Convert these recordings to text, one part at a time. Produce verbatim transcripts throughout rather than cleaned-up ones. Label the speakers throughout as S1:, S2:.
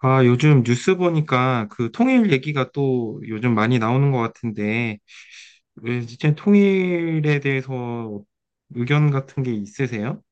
S1: 아, 요즘 뉴스 보니까 그 통일 얘기가 또 요즘 많이 나오는 것 같은데, 왜 진짜 통일에 대해서 의견 같은 게 있으세요?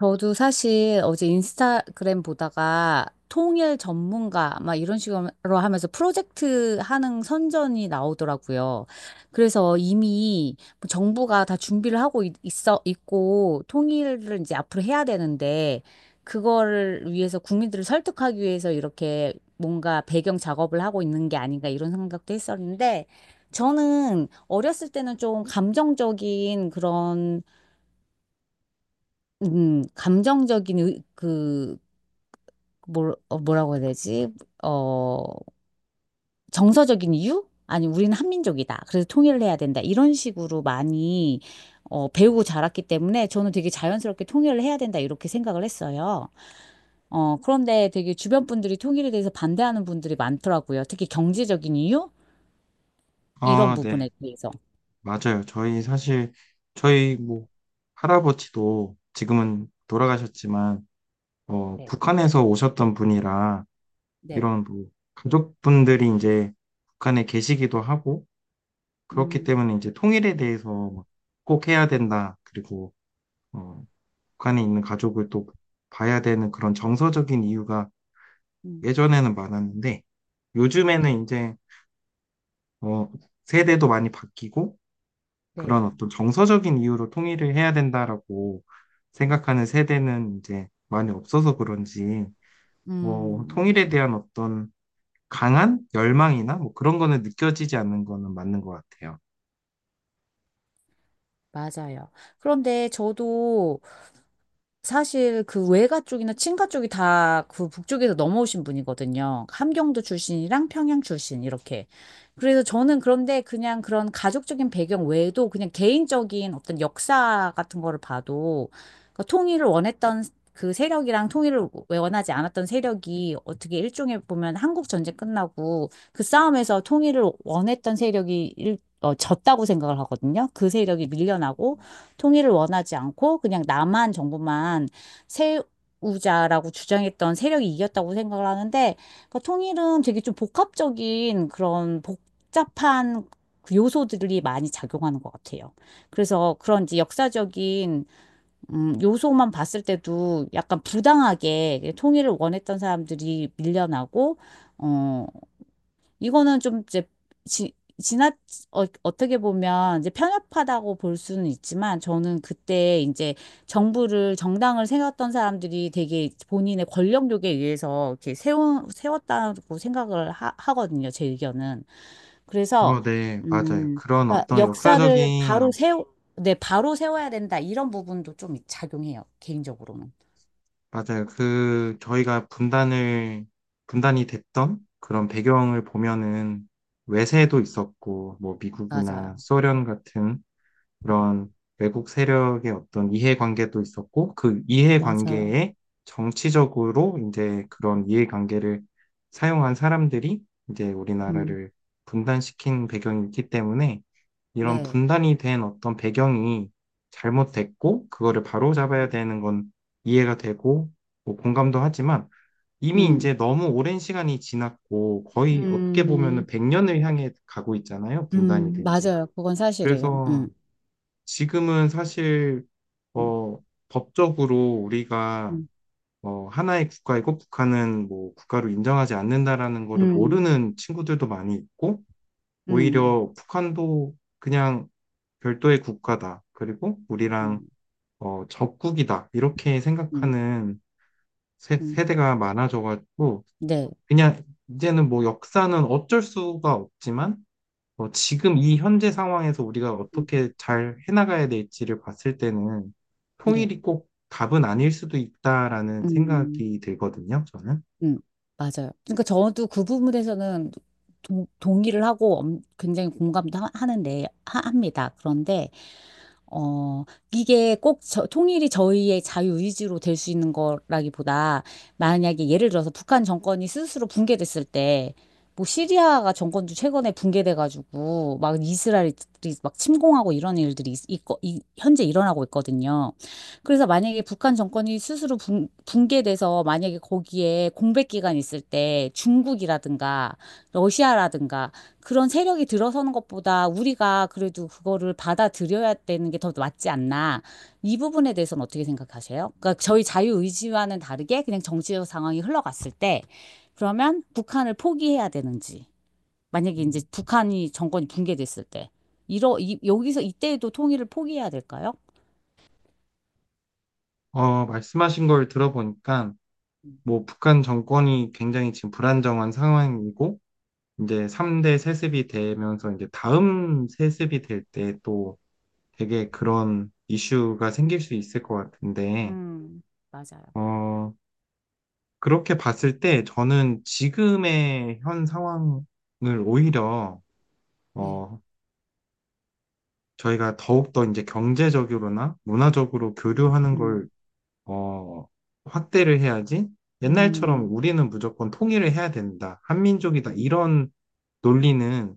S2: 저도 사실 어제 인스타그램 보다가 통일 전문가 막 이런 식으로 하면서 프로젝트 하는 선전이 나오더라고요. 그래서 이미 뭐 정부가 다 준비를 하고 있- 있어 있고 통일을 이제 앞으로 해야 되는데 그거를 위해서 국민들을 설득하기 위해서 이렇게 뭔가 배경 작업을 하고 있는 게 아닌가 이런 생각도 했었는데 저는 어렸을 때는 좀 감정적인 그런 음, 감정적인 의- 그 뭐 어, 뭐라고 해야 되지? 어, 정서적인 이유? 아니, 우리는 한민족이다. 그래서 통일을 해야 된다. 이런 식으로 많이 어, 배우고 자랐기 때문에 저는 되게 자연스럽게 통일을 해야 된다. 이렇게 생각을 했어요. 어, 그런데 되게 주변 분들이 통일에 대해서 반대하는 분들이 많더라고요. 특히 경제적인 이유? 이런
S1: 아, 네.
S2: 부분에 대해서.
S1: 맞아요. 저희 사실, 저희 뭐, 할아버지도 지금은 돌아가셨지만, 어,
S2: 네,
S1: 북한에서 오셨던 분이라,
S2: 네.
S1: 이런 뭐, 가족분들이 이제 북한에 계시기도 하고, 그렇기
S2: 음,
S1: 때문에 이제 통일에 대해서 막꼭 해야 된다. 그리고, 어, 북한에 있는 가족을 또 봐야 되는 그런 정서적인 이유가
S2: 음.
S1: 예전에는 많았는데
S2: 네,
S1: 요즘에는 이제 어, 세대도 많이 바뀌고
S2: 네.
S1: 그런 어떤 정서적인 이유로 통일을 해야 된다라고 생각하는 세대는 이제 많이 없어서 그런지 어,
S2: 음,
S1: 통일에 대한 어떤 강한 열망이나 뭐 그런 거는 느껴지지 않는 거는 맞는 것 같아요.
S2: 맞아요. 그런데 저도 사실 그 외가 쪽이나 친가 쪽이 다 그 북쪽에서 넘어오신 분이거든요. 함경도 출신이랑 평양 출신 이렇게. 그래서 저는 그런데 그냥 그런 가족적인 배경 외에도 그냥 개인적인 어떤 역사 같은 거를 봐도 그 통일을 원했던 그 세력이랑 통일을 원하지 않았던 세력이 어떻게 일종의 보면 한국 전쟁 끝나고 그 싸움에서 통일을 원했던 세력이 일, 어, 졌다고 생각을 하거든요. 그 세력이 밀려나고 통일을 원하지 않고 그냥 남한 정부만 세우자라고 주장했던 세력이 이겼다고 생각을 하는데 그 통일은 되게 좀 복합적인 그런 복잡한 그 요소들이 많이 작용하는 것 같아요. 그래서 그런 지 역사적인 음, 요소만 봤을 때도 약간 부당하게 통일을 원했던 사람들이 밀려나고 어, 이거는 좀 이제 지, 지나 어, 어떻게 보면 이제 편협하다고 볼 수는 있지만 저는 그때 이제 정부를 정당을 세웠던 사람들이 되게 본인의 권력욕에 의해서 이렇게 세운 세웠다고 생각을 하, 하거든요. 제 의견은. 그래서
S1: 어, 네, 맞아요.
S2: 음,
S1: 그런
S2: 그러니까
S1: 어떤
S2: 역사를 바로
S1: 역사적인
S2: 세워 네, 바로 세워야 된다. 이런 부분도 좀 작용해요. 개인적으로는.
S1: 맞아요. 그, 저희가 분단을, 분단이 됐던 그런 배경을 보면은 외세도 있었고, 뭐 미국이나
S2: 맞아요.
S1: 소련 같은 그런 외국 세력의 어떤 이해관계도 있었고, 그
S2: 맞아요.
S1: 이해관계에 정치적으로 이제 그런 이해관계를 사용한 사람들이 이제
S2: 음.
S1: 우리나라를 분단시킨 배경이 있기 때문에 이런
S2: 네.
S1: 분단이 된 어떤 배경이 잘못됐고, 그거를 바로잡아야
S2: 음.
S1: 되는 건 이해가 되고, 뭐 공감도 하지만 이미
S2: 음.
S1: 이제 너무 오랜 시간이 지났고, 거의 어떻게 보면은
S2: 음.
S1: 백 년을 향해 가고 있잖아요, 분단이
S2: 음,
S1: 된 지.
S2: 맞아요. 그건 사실이에요.
S1: 그래서
S2: 음,
S1: 지금은 사실
S2: 음,
S1: 어, 법적으로 우리가
S2: 음,
S1: 어, 하나의 국가이고 북한은 뭐 국가로 인정하지 않는다라는 거를
S2: 음,
S1: 모르는 친구들도 많이 있고
S2: 음,
S1: 오히려 북한도 그냥 별도의 국가다. 그리고 우리랑
S2: 음,
S1: 어, 적국이다. 이렇게
S2: 음,
S1: 생각하는 세,
S2: 음.
S1: 세대가 많아져가지고
S2: 네,
S1: 그냥 이제는 뭐 역사는 어쩔 수가 없지만 어, 지금 이 현재 상황에서 우리가
S2: 음,
S1: 어떻게 잘 해나가야 될지를 봤을 때는
S2: 네,
S1: 통일이 꼭 답은 아닐 수도 있다라는
S2: 음.
S1: 생각이 들거든요, 저는.
S2: 음, 맞아요. 그러니까 저도 그 부분에서는 동, 동의를 하고 엄- 굉장히 공감도 하, 하는데, 하, 합니다. 그런데, 어, 이게 꼭 저, 통일이 저희의 자유의지로 될 수 있는 거라기보다, 만약에 예를 들어서 북한 정권이 스스로 붕괴됐을 때, 뭐 시리아가 정권도 최근에 붕괴돼가지고, 막 이스라엘이 막 침공하고 이런 일들이 있, 있, 현재 일어나고 있거든요. 그래서 만약에 북한 정권이 스스로 붕, 붕괴돼서 만약에 거기에 공백 기간이 있을 때 중국이라든가 러시아라든가 그런 세력이 들어서는 것보다 우리가 그래도 그거를 받아들여야 되는 게 더 맞지 않나. 이 부분에 대해서는 어떻게 생각하세요? 그러니까 저희 자유의지와는 다르게 그냥 정치적 상황이 흘러갔을 때 그러면 북한을 포기해야 되는지 만약에 이제
S1: 음,
S2: 북한이 정권이 붕괴됐을 때 이러 이, 여기서 이때에도 통일을 포기해야 될까요?
S1: 어, 말씀하신 걸 들어보니까 뭐 북한 정권이 굉장히 지금 불안정한 상황이고 이제 삼 대 세습이 되면서 이제 다음 세습이 될 때 또 되게 그런 이슈가 생길 수 있을 것 같은데
S2: 음, 맞아요.
S1: 어, 그렇게 봤을 때 저는 지금의 현 상황을 오히려
S2: 네.
S1: 어, 저희가 더욱더 이제 경제적으로나 문화적으로
S2: 음,
S1: 교류하는
S2: 음,
S1: 걸 어, 확대를 해야지 옛날처럼
S2: 음,
S1: 우리는 무조건 통일을 해야 된다. 한민족이다.
S2: 음.
S1: 이런 논리는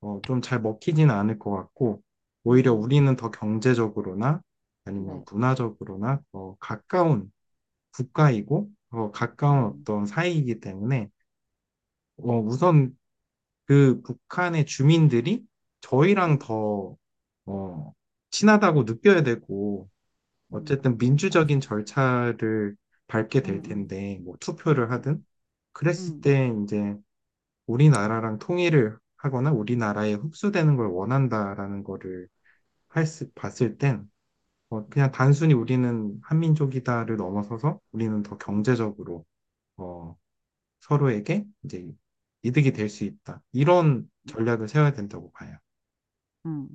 S1: 어, 좀잘 먹히지는 않을 것 같고
S2: 음,
S1: 오히려
S2: 음.
S1: 우리는 더 경제적으로나 아니면
S2: 네,
S1: 문화적으로나 더 가까운 국가이고 더 가까운
S2: 네.
S1: 어떤 사이이기 때문에 어, 우선 그 북한의 주민들이 저희랑
S2: 음,
S1: 더, 어, 친하다고 느껴야 되고,
S2: 음,
S1: 어쨌든 민주적인
S2: 맞아요.
S1: 절차를 밟게
S2: 음,
S1: 될
S2: 음,
S1: 텐데, 뭐
S2: 음,
S1: 투표를
S2: 음,
S1: 하든, 그랬을
S2: 음,
S1: 때 이제 우리나라랑 통일을 하거나 우리나라에 흡수되는 걸 원한다라는 거를 할 수- 봤을 땐, 어, 그냥 단순히 우리는 한민족이다를 넘어서서 우리는 더
S2: 음.
S1: 경제적으로, 어, 서로에게 이제 이득이 될 수 있다. 이런 전략을 세워야 된다고 봐요.
S2: 음.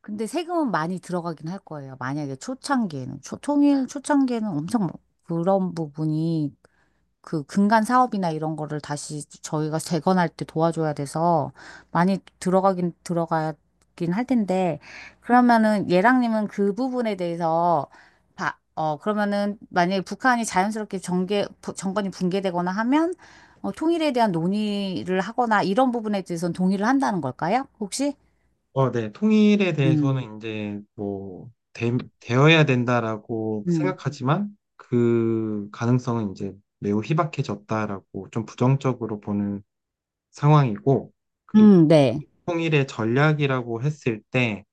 S2: 근데 세금은 많이 들어가긴 할 거예요. 만약에 초창기에는, 초, 통일 초창기에는 엄청 뭐 그런 부분이 그 근간 사업이나 이런 거를 다시 저희가 재건할 때 도와줘야 돼서 많이 들어가긴 들어가긴 할 텐데 그러면은 예랑님은 그 부분에 대해서 봐, 어 그러면은 만약에 북한이 자연스럽게 정계 부- 정권이 붕괴되거나 하면 어, 통일에 대한 논의를 하거나 이런 부분에 대해서는 동의를 한다는 걸까요? 혹시?
S1: 어, 네. 통일에
S2: 음,
S1: 대해서는 이제 뭐 되, 되어야 된다라고
S2: 음,
S1: 생각하지만 그 가능성은 이제 매우 희박해졌다라고 좀 부정적으로 보는 상황이고 그리고
S2: 음, 네,
S1: 통일의 전략이라고 했을 때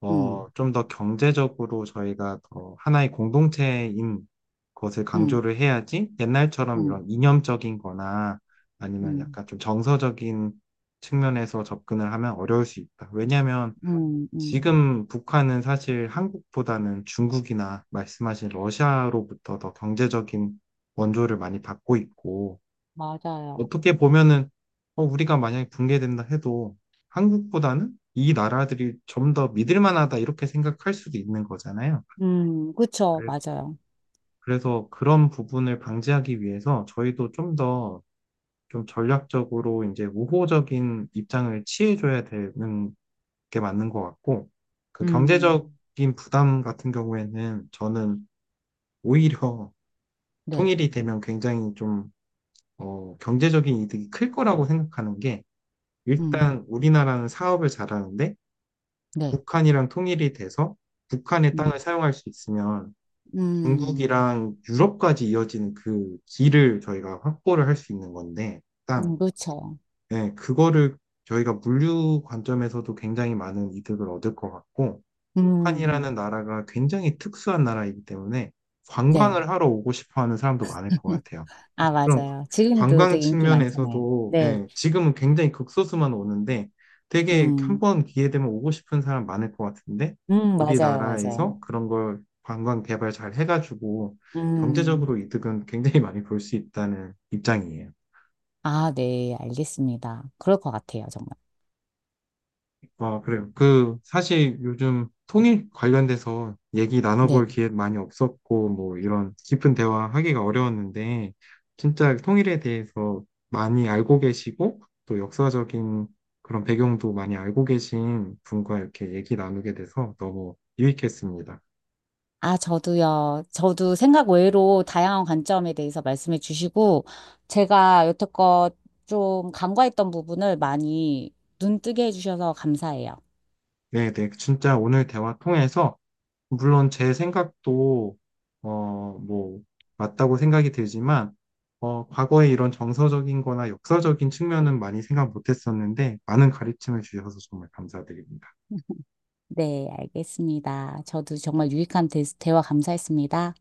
S1: 어,
S2: 음,
S1: 좀 더 경제적으로 저희가 더 하나의 공동체인 것을
S2: 음,
S1: 강조를 해야지 옛날처럼
S2: 음,
S1: 이런 이념적인 거나 아니면
S2: 음,
S1: 약간 좀 정서적인 측면에서 접근을 하면 어려울 수 있다. 왜냐하면
S2: 음, 음,
S1: 지금 북한은 사실 한국보다는 중국이나 말씀하신 러시아로부터 더 경제적인 원조를 많이 받고 있고,
S2: 맞아요.
S1: 어떻게 보면은, 어, 우리가 만약에 붕괴된다 해도 한국보다는 이 나라들이 좀 더 믿을 만하다 이렇게 생각할 수도 있는 거잖아요.
S2: 음, 그쵸,
S1: 그래-
S2: 맞아요.
S1: 그래서 그런 부분을 방지하기 위해서 저희도 좀 더 좀 전략적으로 이제 우호적인 입장을 취해줘야 되는 게 맞는 것 같고, 그
S2: 음,
S1: 경제적인 부담 같은 경우에는 저는 오히려
S2: 네,
S1: 통일이 되면 굉장히 좀, 어, 경제적인 이득이 클 거라고 생각하는 게,
S2: 음,
S1: 일단 우리나라는 사업을 잘하는데,
S2: 네,
S1: 북한이랑 통일이 돼서 북한의
S2: 음,
S1: 땅을 사용할 수 있으면
S2: 음,
S1: 중국이랑 유럽까지 이어지는 그 길을 저희가 확보를 할 수 있는 건데,
S2: 음,
S1: 땅.
S2: 그렇죠.
S1: 예, 그거를 저희가 물류 관점에서도 굉장히 많은 이득을 얻을 것 같고,
S2: 음,
S1: 북한이라는
S2: 음,
S1: 나라가 굉장히 특수한 나라이기 때문에
S2: 네.
S1: 관광을 하러 오고 싶어 하는 사람도 많을 것 같아요.
S2: 아,
S1: 그래서 그런
S2: 맞아요. 지금도
S1: 관광
S2: 되게 인기 많잖아요.
S1: 측면에서도
S2: 네,
S1: 예, 지금은 굉장히 극소수만 오는데 되게 한
S2: 음,
S1: 번 기회 되면 오고 싶은 사람 많을 것 같은데
S2: 음, 맞아요, 맞아요.
S1: 우리나라에서 그런 걸 관광 개발 잘 해가지고
S2: 음,
S1: 경제적으로 이득은 굉장히 많이 볼 수 있다는 입장이에요.
S2: 아, 네, 알겠습니다. 그럴 것 같아요, 정말.
S1: 아, 그래요. 그, 사실 요즘 통일 관련돼서 얘기
S2: 네.
S1: 나눠볼 기회 많이 없었고, 뭐, 이런 깊은 대화 하기가 어려웠는데, 진짜 통일에 대해서 많이 알고 계시고, 또 역사적인 그런 배경도 많이 알고 계신 분과 이렇게 얘기 나누게 돼서 너무 유익했습니다.
S2: 아, 저도요. 저도 생각 외로 다양한 관점에 대해서 말씀해 주시고, 제가 여태껏 좀 간과했던 부분을 많이 눈뜨게 해주셔서 감사해요.
S1: 네, 네. 진짜 오늘 대화 통해서 물론 제 생각도 어, 뭐 맞다고 생각이 들지만 어, 과거에 이런 정서적인 거나 역사적인 측면은 많이 생각 못 했었는데 많은 가르침을 주셔서 정말 감사드립니다.
S2: 네, 알겠습니다. 저도 정말 유익한 대, 대화 감사했습니다.